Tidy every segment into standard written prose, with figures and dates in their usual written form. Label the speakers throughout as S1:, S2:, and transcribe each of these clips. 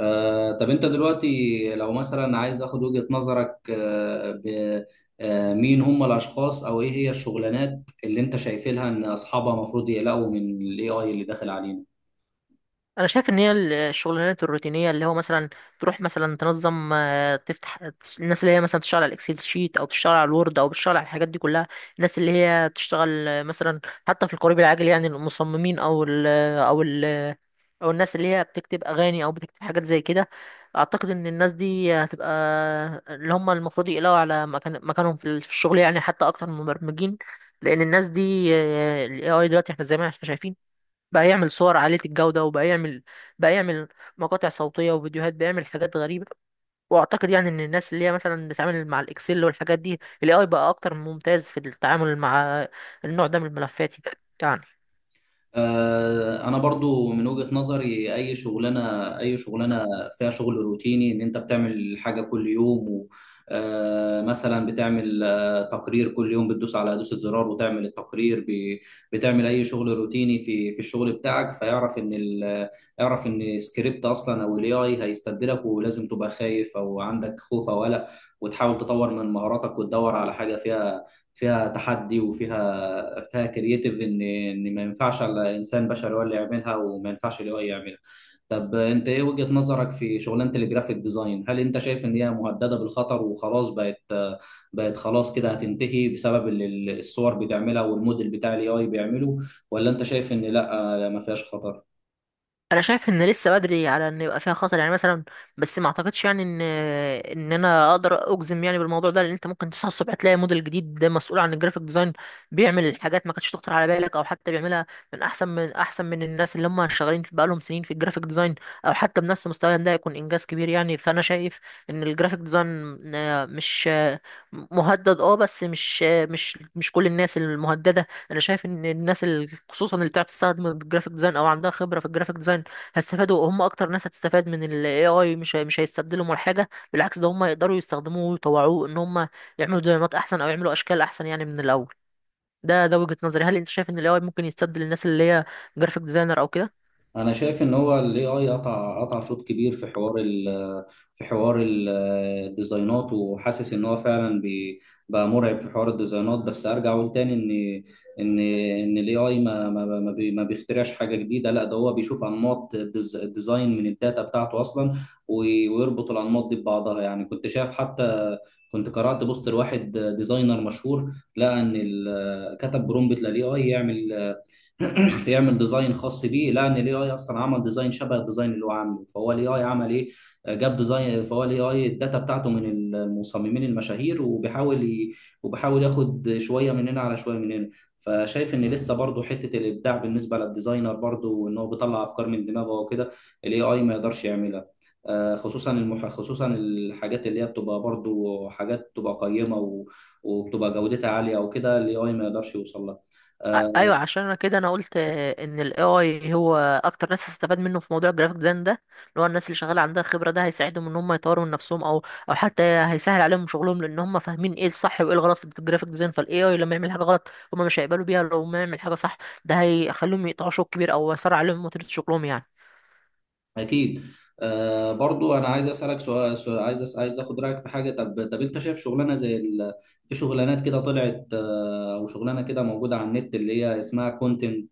S1: طب انت دلوقتي لو مثلا عايز اخد وجهة نظرك. مين هم الاشخاص او ايه هي الشغلانات اللي انت شايف لها ان اصحابها المفروض يقلقوا من الاي اي اللي داخل علينا.
S2: انا شايف ان هي الشغلانات الروتينيه اللي هو مثلا تروح مثلا تنظم تفتح الناس اللي هي مثلا تشتغل على الاكسل شيت او بتشتغل على الوورد او بتشتغل على الحاجات دي كلها. الناس اللي هي بتشتغل مثلا حتى في القريب العاجل يعني المصممين او ال او الناس اللي هي بتكتب اغاني او بتكتب حاجات زي كده. اعتقد ان الناس دي هتبقى اللي هم المفروض يقلقوا على مكانهم في الشغل، يعني حتى اكتر من المبرمجين، لان الناس دي الاي اي دلوقتي احنا زي ما احنا شايفين بقى يعمل صور عالية الجودة، وبقى يعمل بقى يعمل مقاطع صوتية وفيديوهات، بقى يعمل حاجات غريبة. واعتقد يعني ان الناس اللي هي مثلا بتتعامل مع الاكسل والحاجات دي، الاي اي بقى اكتر ممتاز في التعامل مع النوع ده من الملفات يعني.
S1: انا برضو من وجهة نظري اي شغلانه فيها شغل روتيني ان انت بتعمل حاجه كل يوم و مثلا بتعمل تقرير كل يوم بتدوس على دوسة زرار وتعمل التقرير. بتعمل اي شغل روتيني في الشغل بتاعك فيعرف يعرف ان سكريبت اصلا او الاي اي هيستبدلك ولازم تبقى خايف او عندك خوف او قلق، وتحاول تطور من مهاراتك وتدور على حاجه فيها تحدي وفيها كرييتيف ان ما ينفعش على انسان بشري هو اللي يعملها وما ينفعش الاي يعملها. طب انت ايه وجهة نظرك في شغلانة الجرافيك ديزاين؟ هل انت شايف ان هي مهددة بالخطر وخلاص بقت خلاص كده هتنتهي بسبب اللي الصور بتعملها والموديل بتاع الاي اي بيعمله، ولا انت شايف ان لا ما فيهاش خطر؟
S2: انا شايف ان لسه بدري على ان يبقى فيها خطر، يعني مثلا بس ما اعتقدش يعني ان انا اقدر اجزم يعني بالموضوع ده، لان انت ممكن تصحى الصبح تلاقي موديل جديد ده مسؤول عن الجرافيك ديزاين بيعمل حاجات ما كانتش تخطر على بالك، او حتى بيعملها من احسن من الناس اللي هم شغالين في بقالهم سنين في الجرافيك ديزاين، او حتى بنفس مستواهم ده يكون انجاز كبير يعني. فانا شايف ان الجرافيك ديزاين مش آه، مهدد اه، بس مش آه، مش مش كل الناس المهدده. انا شايف ان الناس اللي خصوصا اللي بتعرف تستخدم الجرافيك ديزاين او عندها خبره في الجرافيك ديزاين هيستفادوا، هم اكتر ناس هتستفاد من ال AI. مش هيستبدلوا ولا حاجه، بالعكس ده هم يقدروا يستخدموه ويطوعوه ان هم يعملوا ديزاينات احسن او يعملوا اشكال احسن يعني من الاول. ده وجهة نظري. هل انت شايف ان ال AI ممكن يستبدل الناس اللي هي جرافيك ديزاينر او كده؟
S1: انا شايف ان هو الاي اي قطع شوط كبير في حوار في حوار ال- الديزاينات، وحاسس ان هو فعلا بقى مرعب في حوار الديزاينات. بس ارجع اقول تاني ان ان الاي اي ما بيخترعش حاجه جديده، لا ده هو بيشوف انماط الديزاين من الداتا بتاعته اصلا، ويربط الانماط دي ببعضها. يعني كنت شايف حتى كنت قرأت بوست لواحد ديزاينر مشهور، لقى كتب برومبت للاي اي يعمل يعمل ديزاين خاص بيه، لان الاي اي اصلا عمل ديزاين شبه الديزاين اللي هو عامله، فهو الاي اي عمل ايه، جاب ديزاين، فهو الاي اي الداتا بتاعته من المصممين المشاهير وبيحاول ياخد شويه من هنا على شويه من هنا. فشايف ان لسه برضه حته الابداع بالنسبه للديزاينر، برضه ان هو بيطلع افكار من دماغه وكده، الاي اي ما يقدرش يعملها. خصوصا خصوصا الحاجات اللي هي بتبقى برضه حاجات بتبقى قيمه وبتبقى جودتها عاليه وكده، الاي اي ما يقدرش يوصل لها. آه،
S2: ايوه، عشان انا كده انا قلت ان ال AI هو اكتر ناس هتستفاد منه في موضوع الجرافيك ديزاين ده، اللي هو الناس اللي شغاله عندها خبره، ده هيساعدهم ان هم يطوروا من نفسهم، او او حتى هيسهل عليهم شغلهم، لان هم فاهمين ايه الصح وايه الغلط في الجرافيك ديزاين. فال AI لما يعمل حاجه غلط هم مش هيقبلوا بيها، لو ما يعمل حاجه صح ده هيخليهم يقطعوا شوط كبير او يسرع عليهم وتيره شغلهم يعني.
S1: اكيد. آه، برضو انا عايز اسالك سؤال, عايز عايز اخد رايك في حاجه. طب انت شايف شغلانه في شغلانات كده طلعت، او شغلانه كده موجوده على النت اللي هي اسمها كونتنت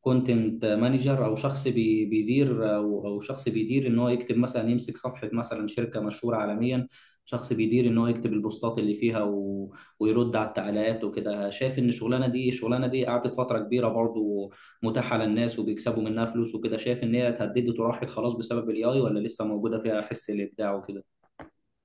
S1: كونتنت مانجر، او شخص بيدير، او شخص بيدير ان هو يكتب مثلا، يمسك صفحه مثلا شركه مشهوره عالميا، شخص بيدير ان هو يكتب البوستات اللي فيها ويرد على التعليقات وكده. شايف ان الشغلانه دي قعدت فتره كبيره برضو متاحه للناس وبيكسبوا منها فلوس وكده، شايف ان هي اتهددت وراحت خلاص بسبب الاي اي، ولا لسه موجوده فيها حس الابداع وكده؟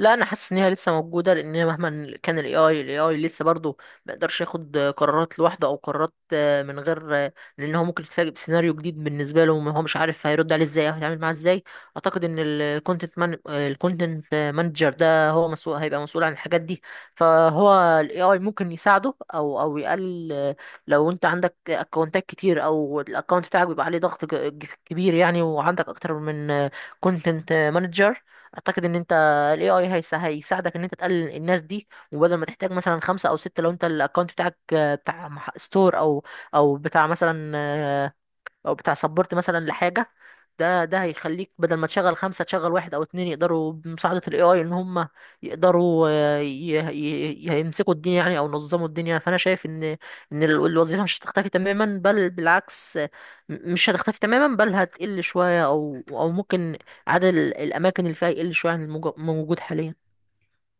S2: لا، انا حاسس ان هي لسه موجوده، لان مهما كان الاي اي لسه برضه ما يقدرش ياخد قرارات لوحده، او قرارات من غير لان هو ممكن يتفاجئ بسيناريو جديد بالنسبه له، هو مش عارف هيرد عليه ازاي او هيتعامل معاه ازاي. اعتقد ان الكونتنت مانجر ده هو مسؤول، هيبقى مسؤول عن الحاجات دي. فهو الاي اي ممكن يساعده او او يقلل لو انت عندك اكونتات كتير، او الاكونت بتاعك بيبقى عليه ضغط كبير يعني، وعندك اكتر من كونتنت مانجر، اعتقد ان انت فالاي اي هيساعدك ان انت تقلل الناس دي. وبدل ما تحتاج مثلا خمسة او ستة، لو انت الاكونت بتاعك بتاع ستور، او او بتاع مثلا، او بتاع سبورت مثلا لحاجه، ده هيخليك بدل ما تشغل خمسه تشغل واحد او اتنين، يقدروا بمساعده الاي اي ان هم يقدروا يمسكوا الدنيا يعني او ينظموا الدنيا. فانا شايف ان الوظيفه مش هتختفي تماما، بل بالعكس، مش هتختفي تماما، بل هتقل شويه او او ممكن عدد الاماكن اللي فيها يقل شويه عن الموجود حاليا.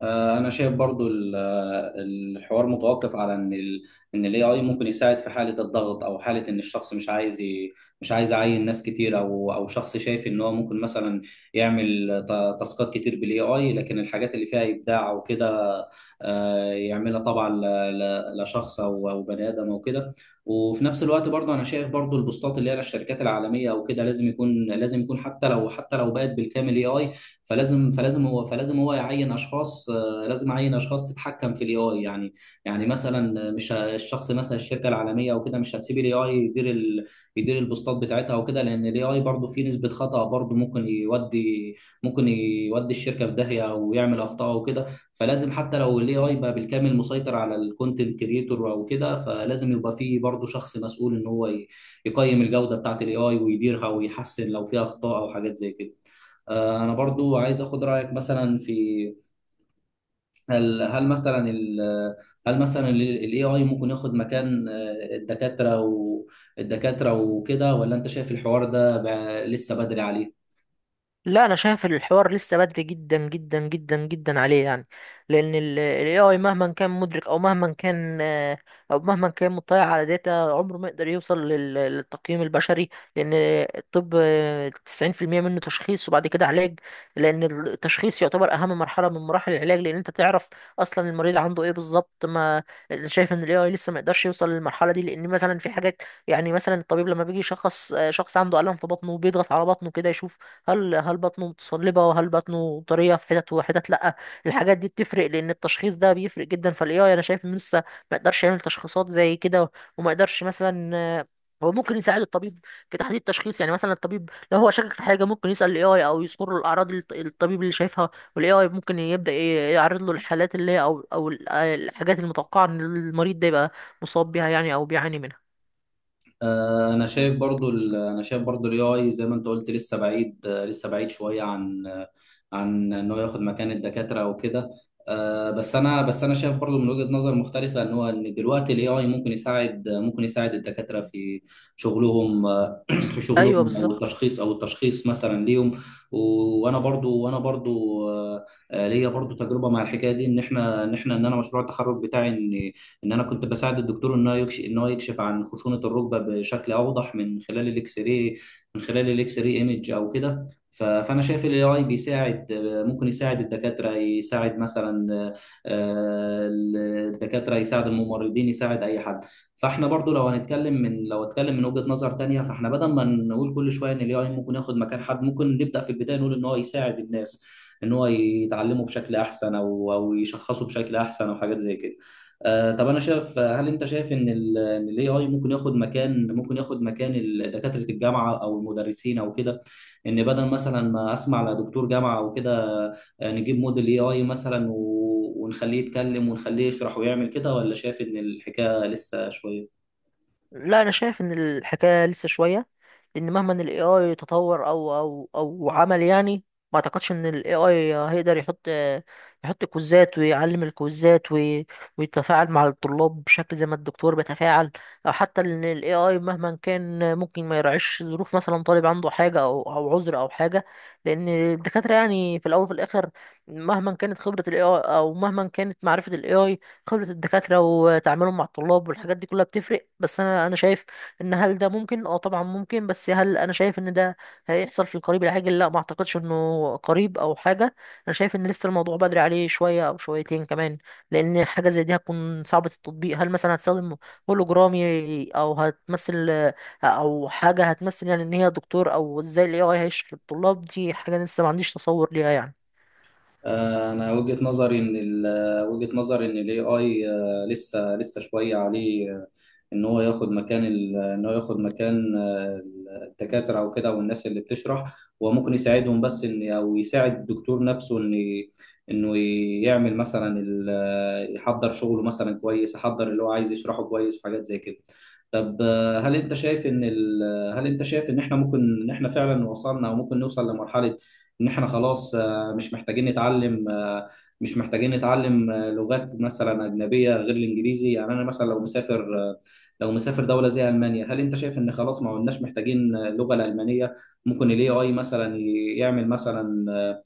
S1: انا شايف برضو الحوار متوقف على ان الاي اي ممكن يساعد في حاله الضغط، او حاله ان الشخص مش عايز مش عايز يعين ناس كتير، او شخص شايف ان هو ممكن مثلا يعمل تاسكات كتير بالاي اي، لكن الحاجات اللي فيها ابداع وكده، يعملها طبعا لشخص او بني ادم او كده. وفي نفس الوقت برضو انا شايف برضو البوستات اللي هي للشركات العالميه او كده لازم يكون، لازم يكون حتى لو، حتى لو بقت بالكامل اي اي، فلازم هو يعين اشخاص، لازم اعين اشخاص تتحكم في الاي اي يعني. يعني مثلا مش ه- الشخص مثلا الشركه العالميه او كده مش هتسيب الاي اي يدير يدير البوستات بتاعتها وكده، لان الاي اي برضه فيه نسبه خطا برضه ممكن يودي الشركه في داهيه ويعمل اخطاء وكده. فلازم حتى لو الاي اي بقى بالكامل مسيطر على الكونتنت كريتور او كده، فلازم يبقى فيه برضه شخص مسؤول ان هو يقيم الجوده بتاعت الاي اي ويديرها ويحسن لو فيها اخطاء او حاجات زي كده. انا برضو عايز اخد رايك مثلا في، هل مثلا هل مثلا الاي اي ممكن ياخد مكان الدكاتره وكده، ولا انت شايف الحوار ده لسه بدري عليه؟
S2: لا، انا شايف الحوار لسه بدري جدا جدا جدا جدا عليه يعني، لان ال AI مهما كان مدرك او مهما كان او مهما كان مطلع على داتا، عمره ما يقدر يوصل للتقييم البشري. لان الطب 90% منه تشخيص وبعد كده علاج، لان التشخيص يعتبر اهم مرحلة من مراحل العلاج، لان انت تعرف اصلا المريض عنده ايه بالظبط. ما أنا شايف ان ال AI لسه ما يقدرش يوصل للمرحلة دي، لان مثلا في حاجات يعني مثلا الطبيب لما بيجي يشخص شخص عنده ألم في بطنه وبيضغط على بطنه كده يشوف هل بطنه متصلبة وهل بطنه طرية في حتت وحتت لأ. الحاجات دي بتفرق، لأن التشخيص ده بيفرق جدا. فالاي اي أنا شايف إنه لسه ما يقدرش يعمل تشخيصات زي كده، وما يقدرش مثلا هو ممكن يساعد الطبيب في تحديد التشخيص. يعني مثلا الطبيب لو هو شاكك في حاجة ممكن يسأل الاي اي، أو يذكر له الأعراض اللي الطبيب اللي شايفها، والاي اي ممكن يبدأ يعرض له الحالات اللي هي، أو الحاجات المتوقعة إن المريض ده يبقى مصاب بيها يعني أو بيعاني منها.
S1: انا شايف برضو الاي اي زي ما انت قلت لسه بعيد، لسه بعيد شويه عن عن ان هو ياخد مكان الدكاتره وكده. بس انا شايف برضو من وجهه نظر مختلفه ان هو، ان دلوقتي الاي اي ممكن يساعد الدكاتره في شغلهم. في
S2: أيوه،
S1: شغلهم او
S2: بالظبط.
S1: التشخيص، او التشخيص مثلا ليهم. وانا برضو ليا برضو تجربه مع الحكايه دي، ان انا مشروع التخرج بتاعي ان انا كنت بساعد الدكتور ان هو يكشف، ان هو يكشف عن خشونه الركبه بشكل اوضح من خلال الاكس راي، من خلال الاكس راي ايمج او كده. فانا شايف الاي اي بيساعد، ممكن يساعد الدكاتره، يساعد مثلا آه، الدكاتره، يساعد الممرضين، يساعد اي حد. فاحنا برضو لو هنتكلم من، لو اتكلم من وجهة نظر تانية، فاحنا بدل ما نقول كل شوية ان الاي اي ممكن ياخد مكان حد، ممكن نبدأ في البداية نقول ان هو يساعد الناس ان هو يتعلموا بشكل احسن، او يشخصوا بشكل احسن او حاجات زي كده. آه، طب انا شايف، هل انت شايف ان الاي اي ممكن ياخد مكان دكاترة الجامعة او المدرسين او كده، ان بدل مثلا ما اسمع لدكتور جامعة او كده، نجيب موديل اي اي مثلا ونخليه يتكلم ونخليه يشرح ويعمل كده، ولا شايف ان الحكايه لسه شويه؟
S2: لا، انا شايف ان الحكايه لسه شويه، لان مهما ان الاي اي تطور او او او عمل، يعني ما اعتقدش ان الاي اي هيقدر يحط كوزات ويعلم الكوزات ويتفاعل مع الطلاب بشكل زي ما الدكتور بيتفاعل. او حتى ان الاي اي مهما كان ممكن ما يراعيش ظروف مثلا طالب عنده حاجه او او عذر او حاجه، لان الدكاتره يعني في الاول وفي الاخر مهما كانت خبره الاي اي او مهما كانت معرفه الاي اي، خبرة الدكاترة وتعاملهم مع الطلاب والحاجات دي كلها بتفرق. بس أنا شايف إن هل ده ممكن؟ أه طبعا ممكن، بس هل أنا شايف إن ده هيحصل في القريب العاجل؟ لا، ما أعتقدش إنه قريب أو حاجة. أنا شايف إن لسه الموضوع بدري عليه شوية أو شويتين كمان، لأن حاجة زي دي هتكون صعبة التطبيق. هل مثلا هتستخدم هولوجرامي أو هتمثل أو حاجة هتمثل يعني إن هي دكتور، أو إزاي ال AI هيشرح للطلاب؟ دي حاجة لسه ما عنديش تصور ليها يعني.
S1: انا وجهة نظري ان الاي اي لسه شوية عليه، ان هو ياخد مكان الدكاترة او كده والناس اللي بتشرح. هو ممكن يساعدهم، بس ان او يساعد الدكتور نفسه ان انه يعمل مثلا يحضر شغله مثلا كويس، يحضر اللي هو عايز يشرحه كويس وحاجات زي كده. طب، هل انت شايف ان احنا ممكن، ان احنا فعلا وصلنا او ممكن نوصل لمرحلة ان احنا خلاص مش محتاجين نتعلم، مش محتاجين نتعلم لغات مثلا أجنبية غير الإنجليزي، يعني أنا مثلا لو مسافر، لو مسافر دولة زي ألمانيا، هل أنت شايف إن خلاص ما عدناش محتاجين اللغة الألمانية؟ ممكن ال AI مثلا يعمل مثلا،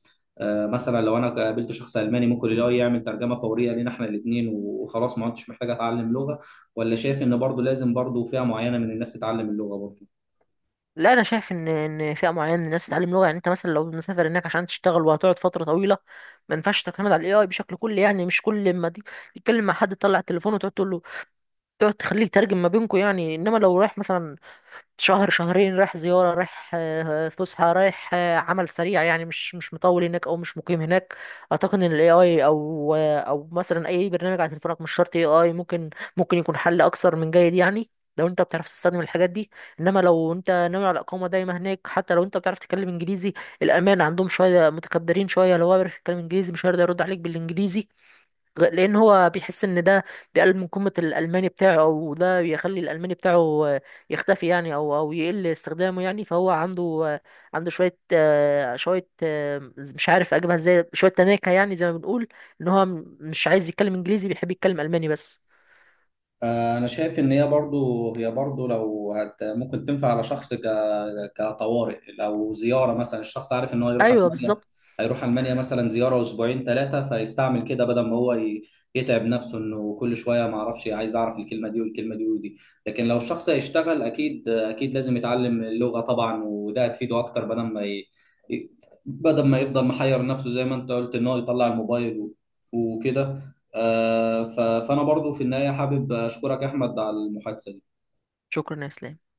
S1: مثلا لو أنا قابلت شخص ألماني ممكن ال AI يعمل ترجمة فورية لينا إحنا الاتنين وخلاص ما عدتش محتاج أتعلم لغة، ولا شايف إن برضو لازم برضو فئة معينة من الناس تتعلم اللغة برضو؟
S2: لا، انا شايف ان ان فئه معينه من الناس تتعلم لغه، يعني انت مثلا لو مسافر هناك عشان تشتغل وهتقعد فتره طويله، ما ينفعش تعتمد على الاي اي بشكل كلي، يعني مش كل ما دي تتكلم مع حد تطلع التليفون وتقعد تقول له، تقعد تخليه يترجم ما بينكم يعني. انما لو رايح مثلا شهر شهرين، رايح زيارة، رايح فسحة، رايح عمل سريع يعني، مش مطول هناك او مش مقيم هناك، اعتقد ان الاي اي او او مثلا اي برنامج على تليفونك مش شرط اي اي، ممكن يكون حل اكثر من جيد يعني، لو انت بتعرف تستخدم الحاجات دي. انما لو انت ناوي على اقامة دايمة هناك، حتى لو انت بتعرف تتكلم انجليزي، الامان عندهم شوية متكبرين شوية، لو هو بيعرف يتكلم انجليزي مش هيقدر يرد عليك بالانجليزي، لان هو بيحس ان ده بيقلل من قيمه الالماني بتاعه، او ده بيخلي الالماني بتاعه يختفي يعني، او او يقل استخدامه يعني. فهو عنده عنده شويه شويه مش عارف اجيبها ازاي، شويه تناكه يعني زي ما بنقول، ان هو مش عايز يتكلم انجليزي، بيحب يتكلم الماني بس.
S1: انا شايف ان هي برضو، هي برضو لو هت ممكن تنفع على شخص كطوارئ، لو زياره مثلا، الشخص عارف ان هو يروح
S2: ايوه،
S1: المانيا،
S2: بالظبط.
S1: هيروح المانيا مثلا زياره اسبوعين ثلاثه، فيستعمل كده بدل ما هو يتعب نفسه انه كل شويه ما اعرفش، عايز اعرف الكلمه دي والكلمه دي ودي. لكن لو الشخص هيشتغل اكيد اكيد لازم يتعلم اللغه طبعا، وده هتفيده اكتر بدل ما ي- بدل ما يفضل محير نفسه زي ما انت قلت ان هو يطلع الموبايل وكده. فانا برضو في النهايه حابب اشكرك يا احمد على المحادثه دي.
S2: شكرا يا اسلام.